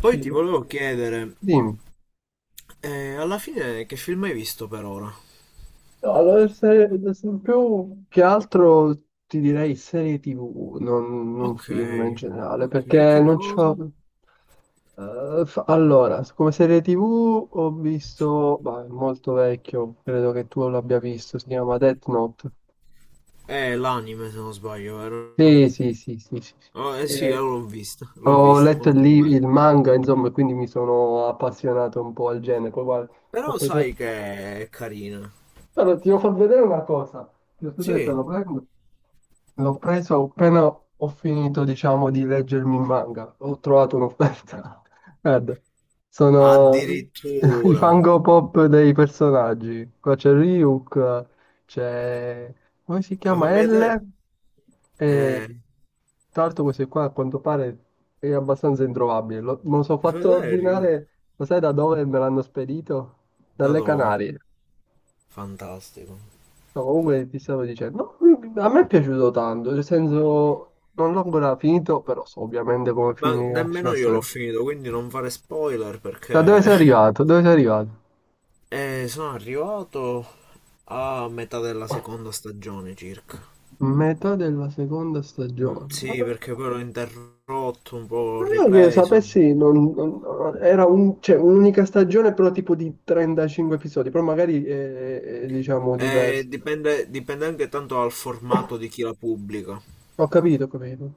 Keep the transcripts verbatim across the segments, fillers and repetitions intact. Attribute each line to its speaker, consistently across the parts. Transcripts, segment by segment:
Speaker 1: Poi ti volevo chiedere,
Speaker 2: Dimmi.
Speaker 1: eh, alla fine che film hai visto per ora?
Speaker 2: No, allora, se, se più che altro ti direi serie T V, non, non
Speaker 1: Ok,
Speaker 2: film in generale,
Speaker 1: ok,
Speaker 2: perché
Speaker 1: che
Speaker 2: non
Speaker 1: cosa?
Speaker 2: c'ho... Eh, fa- allora, come serie T V ho visto, ma è molto vecchio, credo che tu l'abbia visto, si chiama Death Note.
Speaker 1: Eh, l'anime se non sbaglio, vero?
Speaker 2: Sì, sì, sì, sì, sì. Sì.
Speaker 1: Oh, eh sì, eh,
Speaker 2: Eh,
Speaker 1: l'ho visto, l'ho
Speaker 2: Ho
Speaker 1: visto,
Speaker 2: letto il,
Speaker 1: molto
Speaker 2: li-
Speaker 1: bello.
Speaker 2: il manga, insomma, e quindi mi sono appassionato un po' al genere. Poi guarda, ho
Speaker 1: Però
Speaker 2: preso...
Speaker 1: sai che è carina.
Speaker 2: Allora, ti devo far vedere una cosa. Ti ho detto, te
Speaker 1: Sì,
Speaker 2: lo prendo. L'ho preso appena ho finito, diciamo, di leggermi il manga. Ho trovato un'offerta. Guarda, sono i
Speaker 1: addirittura.
Speaker 2: fango pop dei personaggi. Qua c'è Ryuk, c'è... come si
Speaker 1: Ma fammi
Speaker 2: chiama?
Speaker 1: vedere.
Speaker 2: L.
Speaker 1: Eh,
Speaker 2: E
Speaker 1: mi
Speaker 2: tra l'altro questo qua a quanto pare è abbastanza introvabile. Lo- me lo sono
Speaker 1: fai
Speaker 2: fatto
Speaker 1: vedere il review?
Speaker 2: ordinare, lo sai da dove me l'hanno spedito?
Speaker 1: Da
Speaker 2: Dalle
Speaker 1: dove?
Speaker 2: Canarie.
Speaker 1: Fantastico.
Speaker 2: No, comunque ti stavo dicendo, no, a me è piaciuto tanto, nel senso, non l'ho ancora finito, però so ovviamente come
Speaker 1: Ma
Speaker 2: finirà
Speaker 1: nemmeno
Speaker 2: la
Speaker 1: io l'ho
Speaker 2: storia.
Speaker 1: finito, quindi non fare spoiler
Speaker 2: Da dove
Speaker 1: perché...
Speaker 2: sei arrivato? Dove sei arrivato?
Speaker 1: E sono arrivato a metà della seconda stagione circa.
Speaker 2: Metà della seconda
Speaker 1: Mm,
Speaker 2: stagione.
Speaker 1: sì, perché poi l'ho interrotto, un po' ho
Speaker 2: Non che
Speaker 1: ripreso.
Speaker 2: sapessi, non- non- era un- cioè, un'unica stagione, però tipo di trentacinque episodi, però magari è, è, diciamo
Speaker 1: E
Speaker 2: diverso.
Speaker 1: dipende, dipende anche tanto dal formato di chi la pubblica.
Speaker 2: Ho capito, ho capito.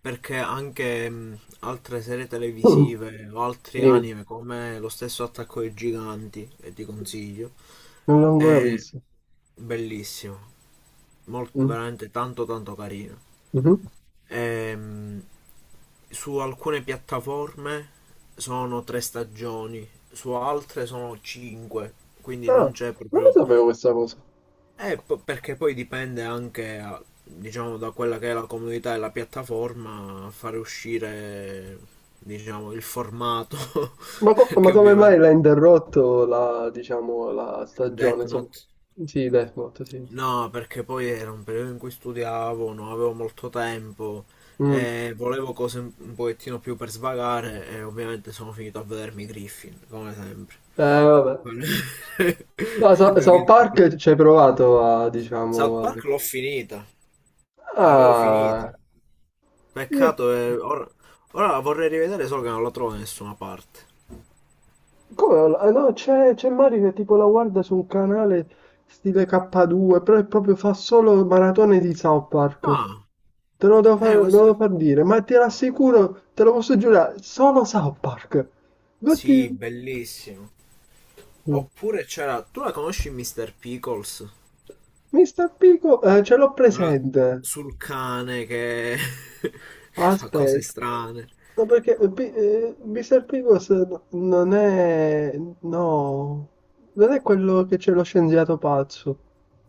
Speaker 1: Perché anche mm, altre serie
Speaker 2: Mm,
Speaker 1: televisive o altri
Speaker 2: Dimmi,
Speaker 1: anime, come lo stesso Attacco ai Giganti, che ti consiglio,
Speaker 2: non l'ho ancora
Speaker 1: è
Speaker 2: visto.
Speaker 1: bellissimo. Molto,
Speaker 2: Mm.
Speaker 1: veramente tanto tanto carino.
Speaker 2: Mhm.
Speaker 1: Ehm, Su alcune piattaforme sono tre stagioni, su altre sono cinque, quindi non
Speaker 2: Ah,
Speaker 1: c'è
Speaker 2: non lo
Speaker 1: proprio...
Speaker 2: sapevo questa cosa.
Speaker 1: Eh, po- perché poi dipende anche, a- diciamo, da quella che è la comunità e la piattaforma a fare uscire, diciamo, il formato.
Speaker 2: Ma, co- ma
Speaker 1: Perché
Speaker 2: come mai
Speaker 1: ovviamente
Speaker 2: l'ha interrotto la, diciamo, la
Speaker 1: Death
Speaker 2: stagione? So-
Speaker 1: Note...
Speaker 2: sì, Death Note, sì.
Speaker 1: No, perché poi era un periodo in cui studiavo, non avevo molto tempo
Speaker 2: Mm.
Speaker 1: e volevo cose un un pochettino più per svagare e ovviamente sono finito a vedermi Griffin, come sempre.
Speaker 2: Eh, vabbè.
Speaker 1: Quello-
Speaker 2: No,
Speaker 1: Il
Speaker 2: So-
Speaker 1: mio
Speaker 2: South
Speaker 1: guilty pleasure.
Speaker 2: Park ci hai provato a,
Speaker 1: South
Speaker 2: diciamo... a-
Speaker 1: Park l'ho finita, l'avevo finita.
Speaker 2: Ah, io-
Speaker 1: Peccato, eh, ora, ora la vorrei rivedere solo che non la trovo da nessuna parte.
Speaker 2: come- ah, no, c'è c'è Mario che tipo la guarda su un canale stile K due, però è proprio fa solo maratone di South Park.
Speaker 1: Ah,
Speaker 2: Te lo devo far,
Speaker 1: eh,
Speaker 2: te lo
Speaker 1: questo...
Speaker 2: devo far dire, ma ti rassicuro, te lo posso giurare, solo South Park. Infatti...
Speaker 1: Sì, bellissimo. Oppure c'era... Tu la conosci mister Pickles?
Speaker 2: mister Picos, eh, ce l'ho
Speaker 1: Quella
Speaker 2: presente.
Speaker 1: sul cane che... che fa cose
Speaker 2: Aspetta,
Speaker 1: strane.
Speaker 2: no, perché eh, Pi- eh, mister Picos no- non è... No, non è quello che c'è lo scienziato pazzo.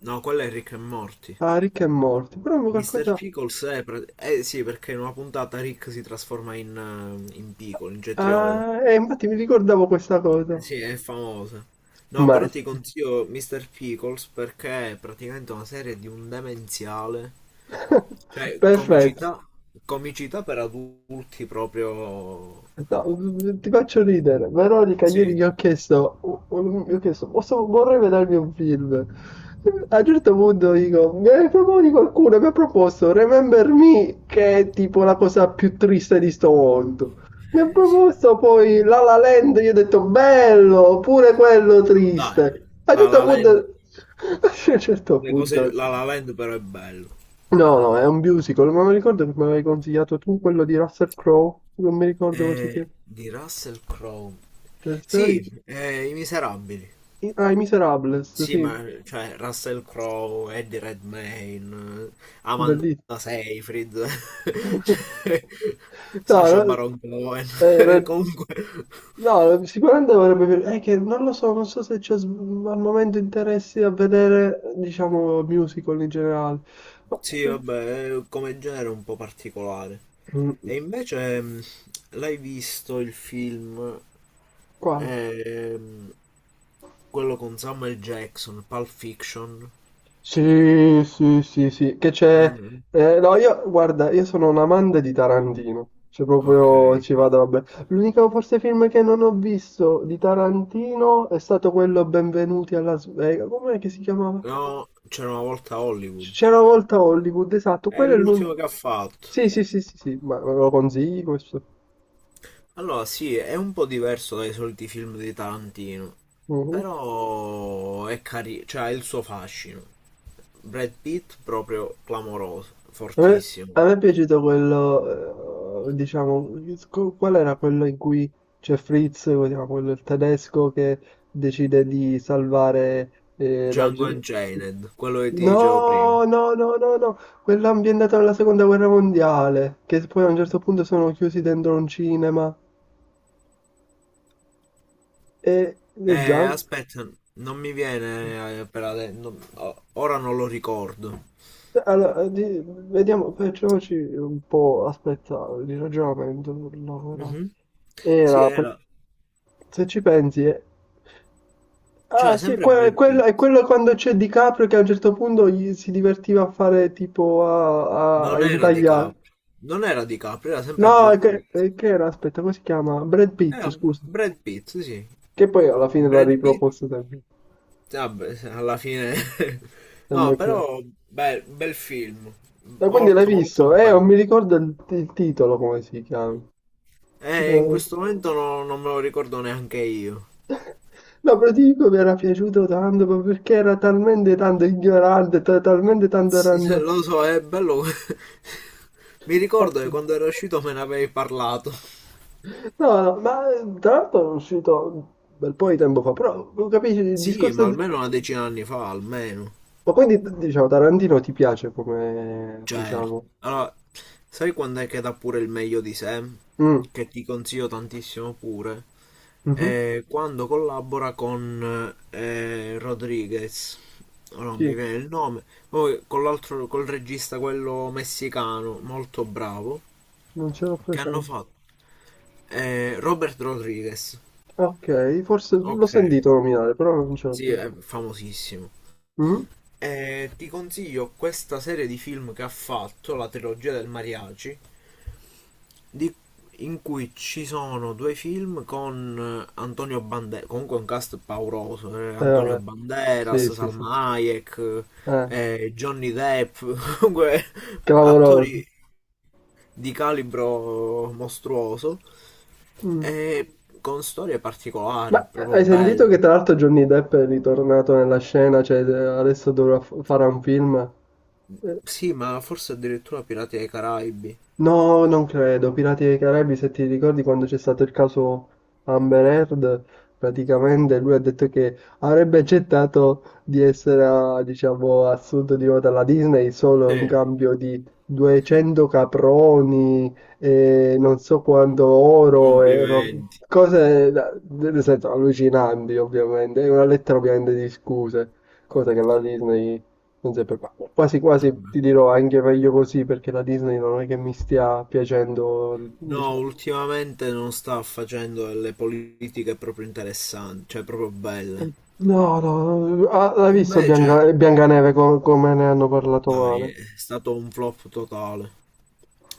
Speaker 1: No, quello è Rick e Morty.
Speaker 2: Ah, Rick e Morty, però mi
Speaker 1: mister
Speaker 2: qualcosa...
Speaker 1: Pickles è... pre- Eh sì, perché in una puntata Rick si trasforma in, eh, in piccolo, in cetriolo.
Speaker 2: Ah, eh, infatti mi ricordavo questa cosa.
Speaker 1: Eh sì, è famosa. No,
Speaker 2: Ma...
Speaker 1: però ti consiglio mister Pickles perché è praticamente una serie di un demenziale. Cioè,
Speaker 2: Perfetto.
Speaker 1: comicità, comicità per adulti proprio...
Speaker 2: No, mm, ti faccio ridere. Veronica, ieri
Speaker 1: Sì.
Speaker 2: gli ho chiesto, gli ho chiesto, "Posso- vorrei vedermi un film. A un certo punto dico, mi hai proponi qualcuno, mi ha proposto Remember Me, che è tipo la cosa più triste di sto mondo. Mi ha
Speaker 1: Eh, sì.
Speaker 2: proposto poi La La Land, io ho detto bello, pure quello
Speaker 1: No,
Speaker 2: triste.
Speaker 1: dai,
Speaker 2: A un
Speaker 1: La
Speaker 2: certo
Speaker 1: La
Speaker 2: punto,
Speaker 1: Land.
Speaker 2: a un certo
Speaker 1: Le cose,
Speaker 2: punto,
Speaker 1: la La Land però è bello.
Speaker 2: no, no, è un musical, ma mi ricordo che mi avevi consigliato tu quello di Russell Crowe, non mi ricordo così che...
Speaker 1: Eh, di Russell Crowe.
Speaker 2: Toy Story-
Speaker 1: Sì, eh, I Miserabili.
Speaker 2: Ah, i Miserables,
Speaker 1: Sì,
Speaker 2: sì,
Speaker 1: ma cioè Russell Crowe, Eddie Redmayne, eh, Amanda
Speaker 2: bellissimo.
Speaker 1: Seyfried, cioè,
Speaker 2: No,
Speaker 1: Sacha
Speaker 2: no,
Speaker 1: Baron Cohen.
Speaker 2: era-
Speaker 1: Comunque
Speaker 2: no, sicuramente avrebbe... piaciuto. È che non lo so, non so se c'è s- al momento interessi a vedere, diciamo, musical in generale. Ma-
Speaker 1: sì, vabbè, è come genere è un po' particolare.
Speaker 2: Mm.
Speaker 1: E invece mh, l'hai visto il film
Speaker 2: Quale?
Speaker 1: ehm, quello con Samuel Jackson, Pulp Fiction?
Speaker 2: Sì, sì, sì, sì, che c'è...
Speaker 1: Eh,
Speaker 2: eh, no, io, guarda, io sono un amante di Tarantino, cioè
Speaker 1: ok.
Speaker 2: proprio ci vado, vabbè. L'unico forse film che non ho visto di Tarantino è stato quello Benvenuti a Las Vegas, com'è che si chiamava?
Speaker 1: No, c'era una volta a
Speaker 2: C-
Speaker 1: Hollywood.
Speaker 2: C'era una volta a Hollywood, esatto,
Speaker 1: È
Speaker 2: quello è l'unico...
Speaker 1: l'ultimo che ha fatto.
Speaker 2: Sì, sì, sì, sì, sì, ma me lo consigli questo?
Speaker 1: Allora, sì, è un po' diverso dai soliti film di Tarantino,
Speaker 2: Mhm.
Speaker 1: però è carino, cioè ha il suo fascino. Brad Pitt proprio clamoroso,
Speaker 2: A me,
Speaker 1: fortissimo.
Speaker 2: a me è piaciuto quello, eh, diciamo, co- qual era quello in cui c'è Fritz, diciamo, quello il tedesco che decide di salvare eh, la
Speaker 1: Django
Speaker 2: gente.
Speaker 1: Unchained, quello che ti dicevo prima.
Speaker 2: No, no, no, no, no, quello ambientato nella seconda guerra mondiale, che poi a un certo punto sono chiusi dentro un cinema e, e
Speaker 1: Eh,
Speaker 2: già...
Speaker 1: aspetta, non mi viene eh, per adesso, non- o- ora non lo ricordo.
Speaker 2: Allora, di- vediamo, facciamoci un po', aspetta, di ragionamento. Allora.
Speaker 1: Mhm.
Speaker 2: Era,
Speaker 1: Sì,
Speaker 2: era per-
Speaker 1: era,
Speaker 2: Se ci pensi è... Ah
Speaker 1: cioè
Speaker 2: sì,
Speaker 1: sempre
Speaker 2: que- è
Speaker 1: Brad
Speaker 2: quello,
Speaker 1: Pitt,
Speaker 2: è quello quando c'è DiCaprio che a un certo punto gli si divertiva a fare tipo a, a-
Speaker 1: non
Speaker 2: a
Speaker 1: era
Speaker 2: intagliare.
Speaker 1: DiCaprio, non era DiCaprio, era sempre
Speaker 2: No, è
Speaker 1: Brad
Speaker 2: che,
Speaker 1: Pitt.
Speaker 2: è che era, aspetta, come si chiama? Brad Pitt,
Speaker 1: Era
Speaker 2: scusa.
Speaker 1: Brad Pitt, sì, sì.
Speaker 2: Che poi alla fine l'ha
Speaker 1: Brad Pitt,
Speaker 2: riproposto sempre.
Speaker 1: vabbè, se- alla fine... No,
Speaker 2: Sempre Clark.
Speaker 1: però bel, bel film,
Speaker 2: Ma quindi l'hai
Speaker 1: molto molto
Speaker 2: visto? Eh, non
Speaker 1: bello.
Speaker 2: mi ricordo il, il titolo come si chiama.
Speaker 1: Eh, in questo momento no- non me lo ricordo neanche io.
Speaker 2: No, però ti dico mi era piaciuto tanto ma perché era talmente tanto ignorante, ta- talmente tanto
Speaker 1: Sì, sì,
Speaker 2: random.
Speaker 1: lo so, è bello. Mi
Speaker 2: Oh,
Speaker 1: ricordo che quando era uscito me ne avevi parlato.
Speaker 2: no, ma eh, tra l'altro è uscito un bel po' di tempo fa, però non capisci il
Speaker 1: Sì, ma
Speaker 2: discorso di...
Speaker 1: almeno una decina d'anni fa, almeno.
Speaker 2: Ma quindi, diciamo, Tarantino ti piace come,
Speaker 1: Cioè,
Speaker 2: diciamo...
Speaker 1: allora, sai quando è che dà pure il meglio di sé?
Speaker 2: Mm.
Speaker 1: Che ti consiglio tantissimo pure.
Speaker 2: Mhm.
Speaker 1: È quando collabora con eh, Rodriguez. Oh, non mi
Speaker 2: Sì,
Speaker 1: viene il nome. Poi con l'altro, col regista quello messicano, molto bravo,
Speaker 2: non ce l'ho
Speaker 1: che hanno
Speaker 2: presente.
Speaker 1: fatto. eh, Robert Rodriguez.
Speaker 2: Ok, forse l'ho
Speaker 1: Ok,
Speaker 2: sentito nominare, però non ce l'ho
Speaker 1: sì, è
Speaker 2: presente.
Speaker 1: famosissimo.
Speaker 2: Mm?
Speaker 1: E ti consiglio questa serie di film che ha fatto, la trilogia del Mariachi, di- in cui ci sono due film con eh, Antonio Banderas, comunque un cast pauroso, eh,
Speaker 2: Eh
Speaker 1: Antonio
Speaker 2: vabbè, sì,
Speaker 1: Banderas,
Speaker 2: sì, sì.
Speaker 1: Salma Hayek,
Speaker 2: Eh,
Speaker 1: eh, Johnny Depp, comunque
Speaker 2: Clamoroso.
Speaker 1: attori di calibro mostruoso
Speaker 2: Mm.
Speaker 1: e con storie particolari,
Speaker 2: Ma
Speaker 1: proprio
Speaker 2: hai sentito che
Speaker 1: belle.
Speaker 2: tra l'altro Johnny Depp è ritornato nella scena, cioè eh, adesso dovrà f- fare un film? Eh,
Speaker 1: Sì, ma forse addirittura Pirati dei Caraibi.
Speaker 2: No, non credo. Pirati dei Caraibi, se ti ricordi quando c'è stato il caso Amber Heard, praticamente lui ha detto che avrebbe accettato di essere, ah, diciamo, assunto di nuovo dalla Disney solo in
Speaker 1: Sì,
Speaker 2: cambio di duecento caproni e non so quanto oro e ro-
Speaker 1: complimenti.
Speaker 2: cose, da- nel senso, allucinanti, ovviamente. È una lettera, ovviamente, di scuse, cosa che la Disney non sempre qua. Quasi quasi ti dirò anche meglio così perché la Disney non è che mi stia piacendo,
Speaker 1: No,
Speaker 2: diciamo.
Speaker 1: ultimamente non sta facendo delle politiche proprio interessanti, cioè proprio belle.
Speaker 2: No, no, no. Ah, l'hai visto
Speaker 1: Invece,
Speaker 2: Bianca, Biancaneve co- come ne hanno parlato
Speaker 1: dai,
Speaker 2: male?
Speaker 1: è stato un flop totale.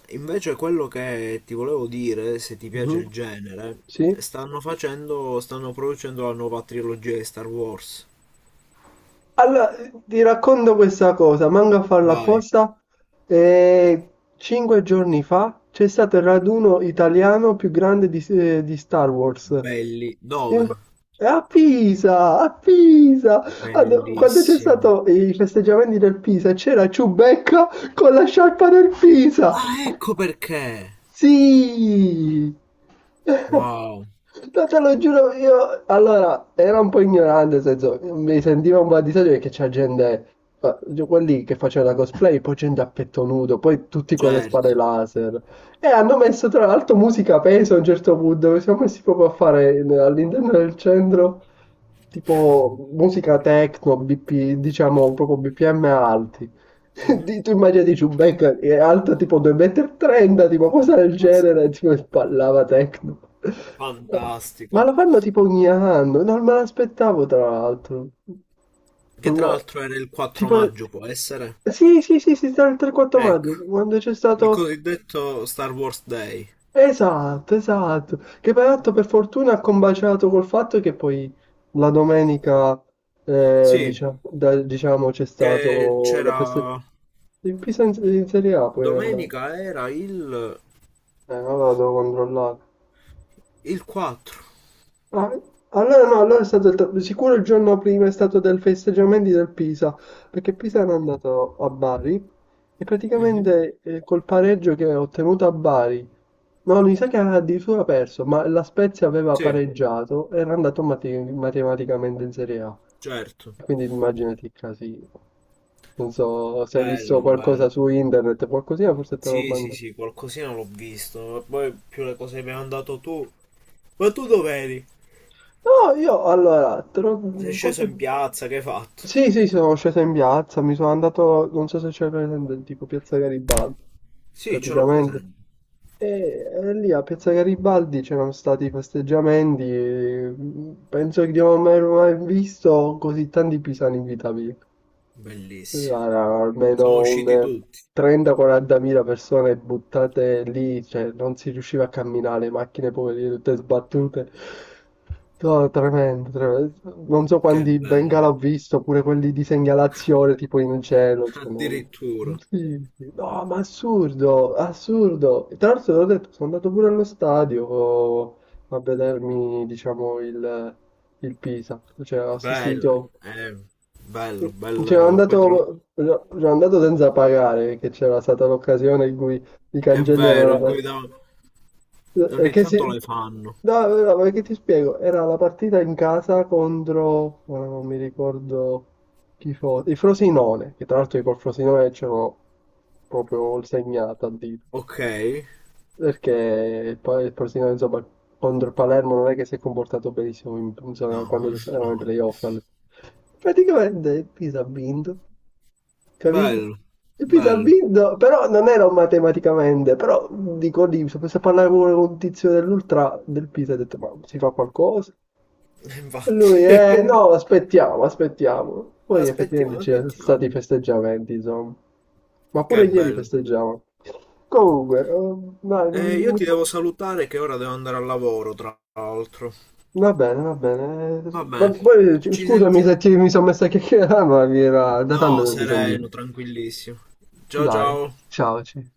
Speaker 1: Invece quello che ti volevo dire, se ti piace
Speaker 2: Mhm.
Speaker 1: il genere,
Speaker 2: Sì?
Speaker 1: stanno facendo, stanno producendo la nuova trilogia di Star Wars.
Speaker 2: Allora, ti racconto questa cosa, manco a farla
Speaker 1: Vai,
Speaker 2: apposta. E cinque giorni fa c'è stato il raduno italiano più grande di, eh, di Star Wars.
Speaker 1: belli, dove?
Speaker 2: In- A Pisa, a Pisa. Ah, no, quando c'è
Speaker 1: Bellissimo.
Speaker 2: stato i festeggiamenti del Pisa c'era Ciubecca con la sciarpa del Pisa.
Speaker 1: Ah, ecco perché.
Speaker 2: Sì,
Speaker 1: Wow,
Speaker 2: no, te lo giuro, io allora era un po' ignorante, nel senso mi sentivo un po' a disagio perché c'è gente, eh, quelli che facevano la cosplay, poi gente a petto nudo, poi tutti con le spade
Speaker 1: certo.
Speaker 2: laser. E hanno messo tra l'altro musica a peso a un certo punto, dove siamo messi proprio a fare in- all'interno del centro tipo musica techno, B P, diciamo proprio B P M alti.
Speaker 1: Mhm.
Speaker 2: Di- Tu immaginati Giubecca che è alto tipo due metri e trenta m, tipo cosa del genere,
Speaker 1: Fantastico.
Speaker 2: tipo e ballava techno. Ma
Speaker 1: Fantastico.
Speaker 2: lo fanno tipo ogni anno, non me l'aspettavo tra l'altro.
Speaker 1: Che tra
Speaker 2: Una-
Speaker 1: l'altro era il quattro
Speaker 2: Tipo...
Speaker 1: maggio, può essere?
Speaker 2: Sì, sì, sì, sì, tra il 3-4 maggio,
Speaker 1: Ecco,
Speaker 2: quando c'è
Speaker 1: il
Speaker 2: stato...
Speaker 1: cosiddetto Star Wars Day.
Speaker 2: Esatto, esatto. Che peraltro per fortuna ha combaciato col fatto che poi la domenica, eh,
Speaker 1: Sì,
Speaker 2: diciamo, da- diciamo, c'è
Speaker 1: che
Speaker 2: stato la prestazione.
Speaker 1: c'era...
Speaker 2: Il Pisa in, in Serie A poi è andato.
Speaker 1: Domenica era il,
Speaker 2: Eh, ora lo devo controllare.
Speaker 1: il quattro.
Speaker 2: Ah, allora no, no, allora è stato il tra- sicuro il giorno prima è stato del festeggiamenti del Pisa, perché Pisa era andato a Bari e
Speaker 1: Mhm.
Speaker 2: praticamente eh, col pareggio che ha ottenuto a Bari, no, mi sa che aveva addirittura perso, ma la Spezia aveva
Speaker 1: Sì,
Speaker 2: pareggiato, era andato mate- matematicamente in Serie A,
Speaker 1: certo.
Speaker 2: quindi immaginati il casino. Non so se hai visto
Speaker 1: Bello,
Speaker 2: qualcosa
Speaker 1: bello.
Speaker 2: su internet, qualcosina, forse te l'ho
Speaker 1: Sì, sì,
Speaker 2: mandato.
Speaker 1: sì, qualcosina l'ho visto. Poi più le cose che mi hai mandato tu. Ma tu dove eri?
Speaker 2: No, io allora, te
Speaker 1: Sei
Speaker 2: lo-
Speaker 1: sceso
Speaker 2: forse.
Speaker 1: in piazza, che hai fatto?
Speaker 2: Sì, sì, sì, sono sceso in piazza, mi sono andato, non so se c'è presente, tipo Piazza Garibaldi,
Speaker 1: Sì, ce l'ho
Speaker 2: praticamente.
Speaker 1: presente.
Speaker 2: E, e lì a Piazza Garibaldi c'erano stati festeggiamenti, e mm, penso che di non aver mai visto così tanti pisani in vita mia.
Speaker 1: Bellissimo.
Speaker 2: Guarda,
Speaker 1: Sono
Speaker 2: almeno un
Speaker 1: usciti
Speaker 2: eh,
Speaker 1: tutti.
Speaker 2: trenta a quarantamila persone buttate lì, cioè non si riusciva a camminare, le macchine poverine tutte sbattute. No, tremendo, tremendo. Non so
Speaker 1: Che
Speaker 2: quanti
Speaker 1: bello.
Speaker 2: Bengala ho visto, pure quelli di segnalazione tipo in cielo. Cioè, no, non-
Speaker 1: Addirittura.
Speaker 2: sì, sì. No, ma assurdo, assurdo. E tra l'altro, te l'ho detto, sono andato pure allo stadio a vedermi, diciamo, il, il Pisa. Cioè, ho
Speaker 1: Bello.
Speaker 2: assistito.
Speaker 1: eh, Bello,
Speaker 2: Sì, C'era
Speaker 1: bello. Poi tra l'altro
Speaker 2: andato, c'era andato senza pagare, che c'era stata l'occasione in cui i
Speaker 1: è
Speaker 2: cancelli erano
Speaker 1: vero,
Speaker 2: la
Speaker 1: in cui
Speaker 2: partita.
Speaker 1: da- ogni
Speaker 2: Perché si...
Speaker 1: tanto le fanno.
Speaker 2: No, no, no, perché ti spiego, era la partita in casa contro, ora non mi ricordo chi fosse, il Frosinone, che tra l'altro io col Frosinone c'ero proprio segnato a dito,
Speaker 1: Ok.
Speaker 2: perché il, pa- il Frosinone insomma contro il Palermo non è che si è comportato benissimo in- insomma,
Speaker 1: No,
Speaker 2: quando erano i
Speaker 1: no.
Speaker 2: playoff. Praticamente Pisa ha vinto. Capito?
Speaker 1: Bello,
Speaker 2: E poi ha
Speaker 1: bello.
Speaker 2: vinto, però non ero matematicamente, però dico lì, se posso parlare pure con un tizio dell'ultra del Pisa, ho detto, ma si fa qualcosa? E lui,
Speaker 1: Infatti.
Speaker 2: eh no, aspettiamo, aspettiamo. Poi effettivamente
Speaker 1: Aspettiamo,
Speaker 2: c'erano
Speaker 1: aspettiamo.
Speaker 2: stati i festeggiamenti, insomma, ma pure
Speaker 1: Che
Speaker 2: ieri
Speaker 1: bello.
Speaker 2: festeggiavano. Comunque, eh, dai,
Speaker 1: Eh,
Speaker 2: mi-
Speaker 1: io ti
Speaker 2: mi-
Speaker 1: devo salutare che ora devo andare al lavoro, tra l'altro.
Speaker 2: va bene, va bene. Ma
Speaker 1: Vabbè,
Speaker 2: poi, c-
Speaker 1: ci
Speaker 2: scusami
Speaker 1: sentiamo.
Speaker 2: se ti- mi sono messo a chiacchierare, ma mi era da tanto
Speaker 1: No,
Speaker 2: che non ti sentivo.
Speaker 1: sereno, tranquillissimo. Ciao
Speaker 2: Dai,
Speaker 1: ciao.
Speaker 2: ciao. ci-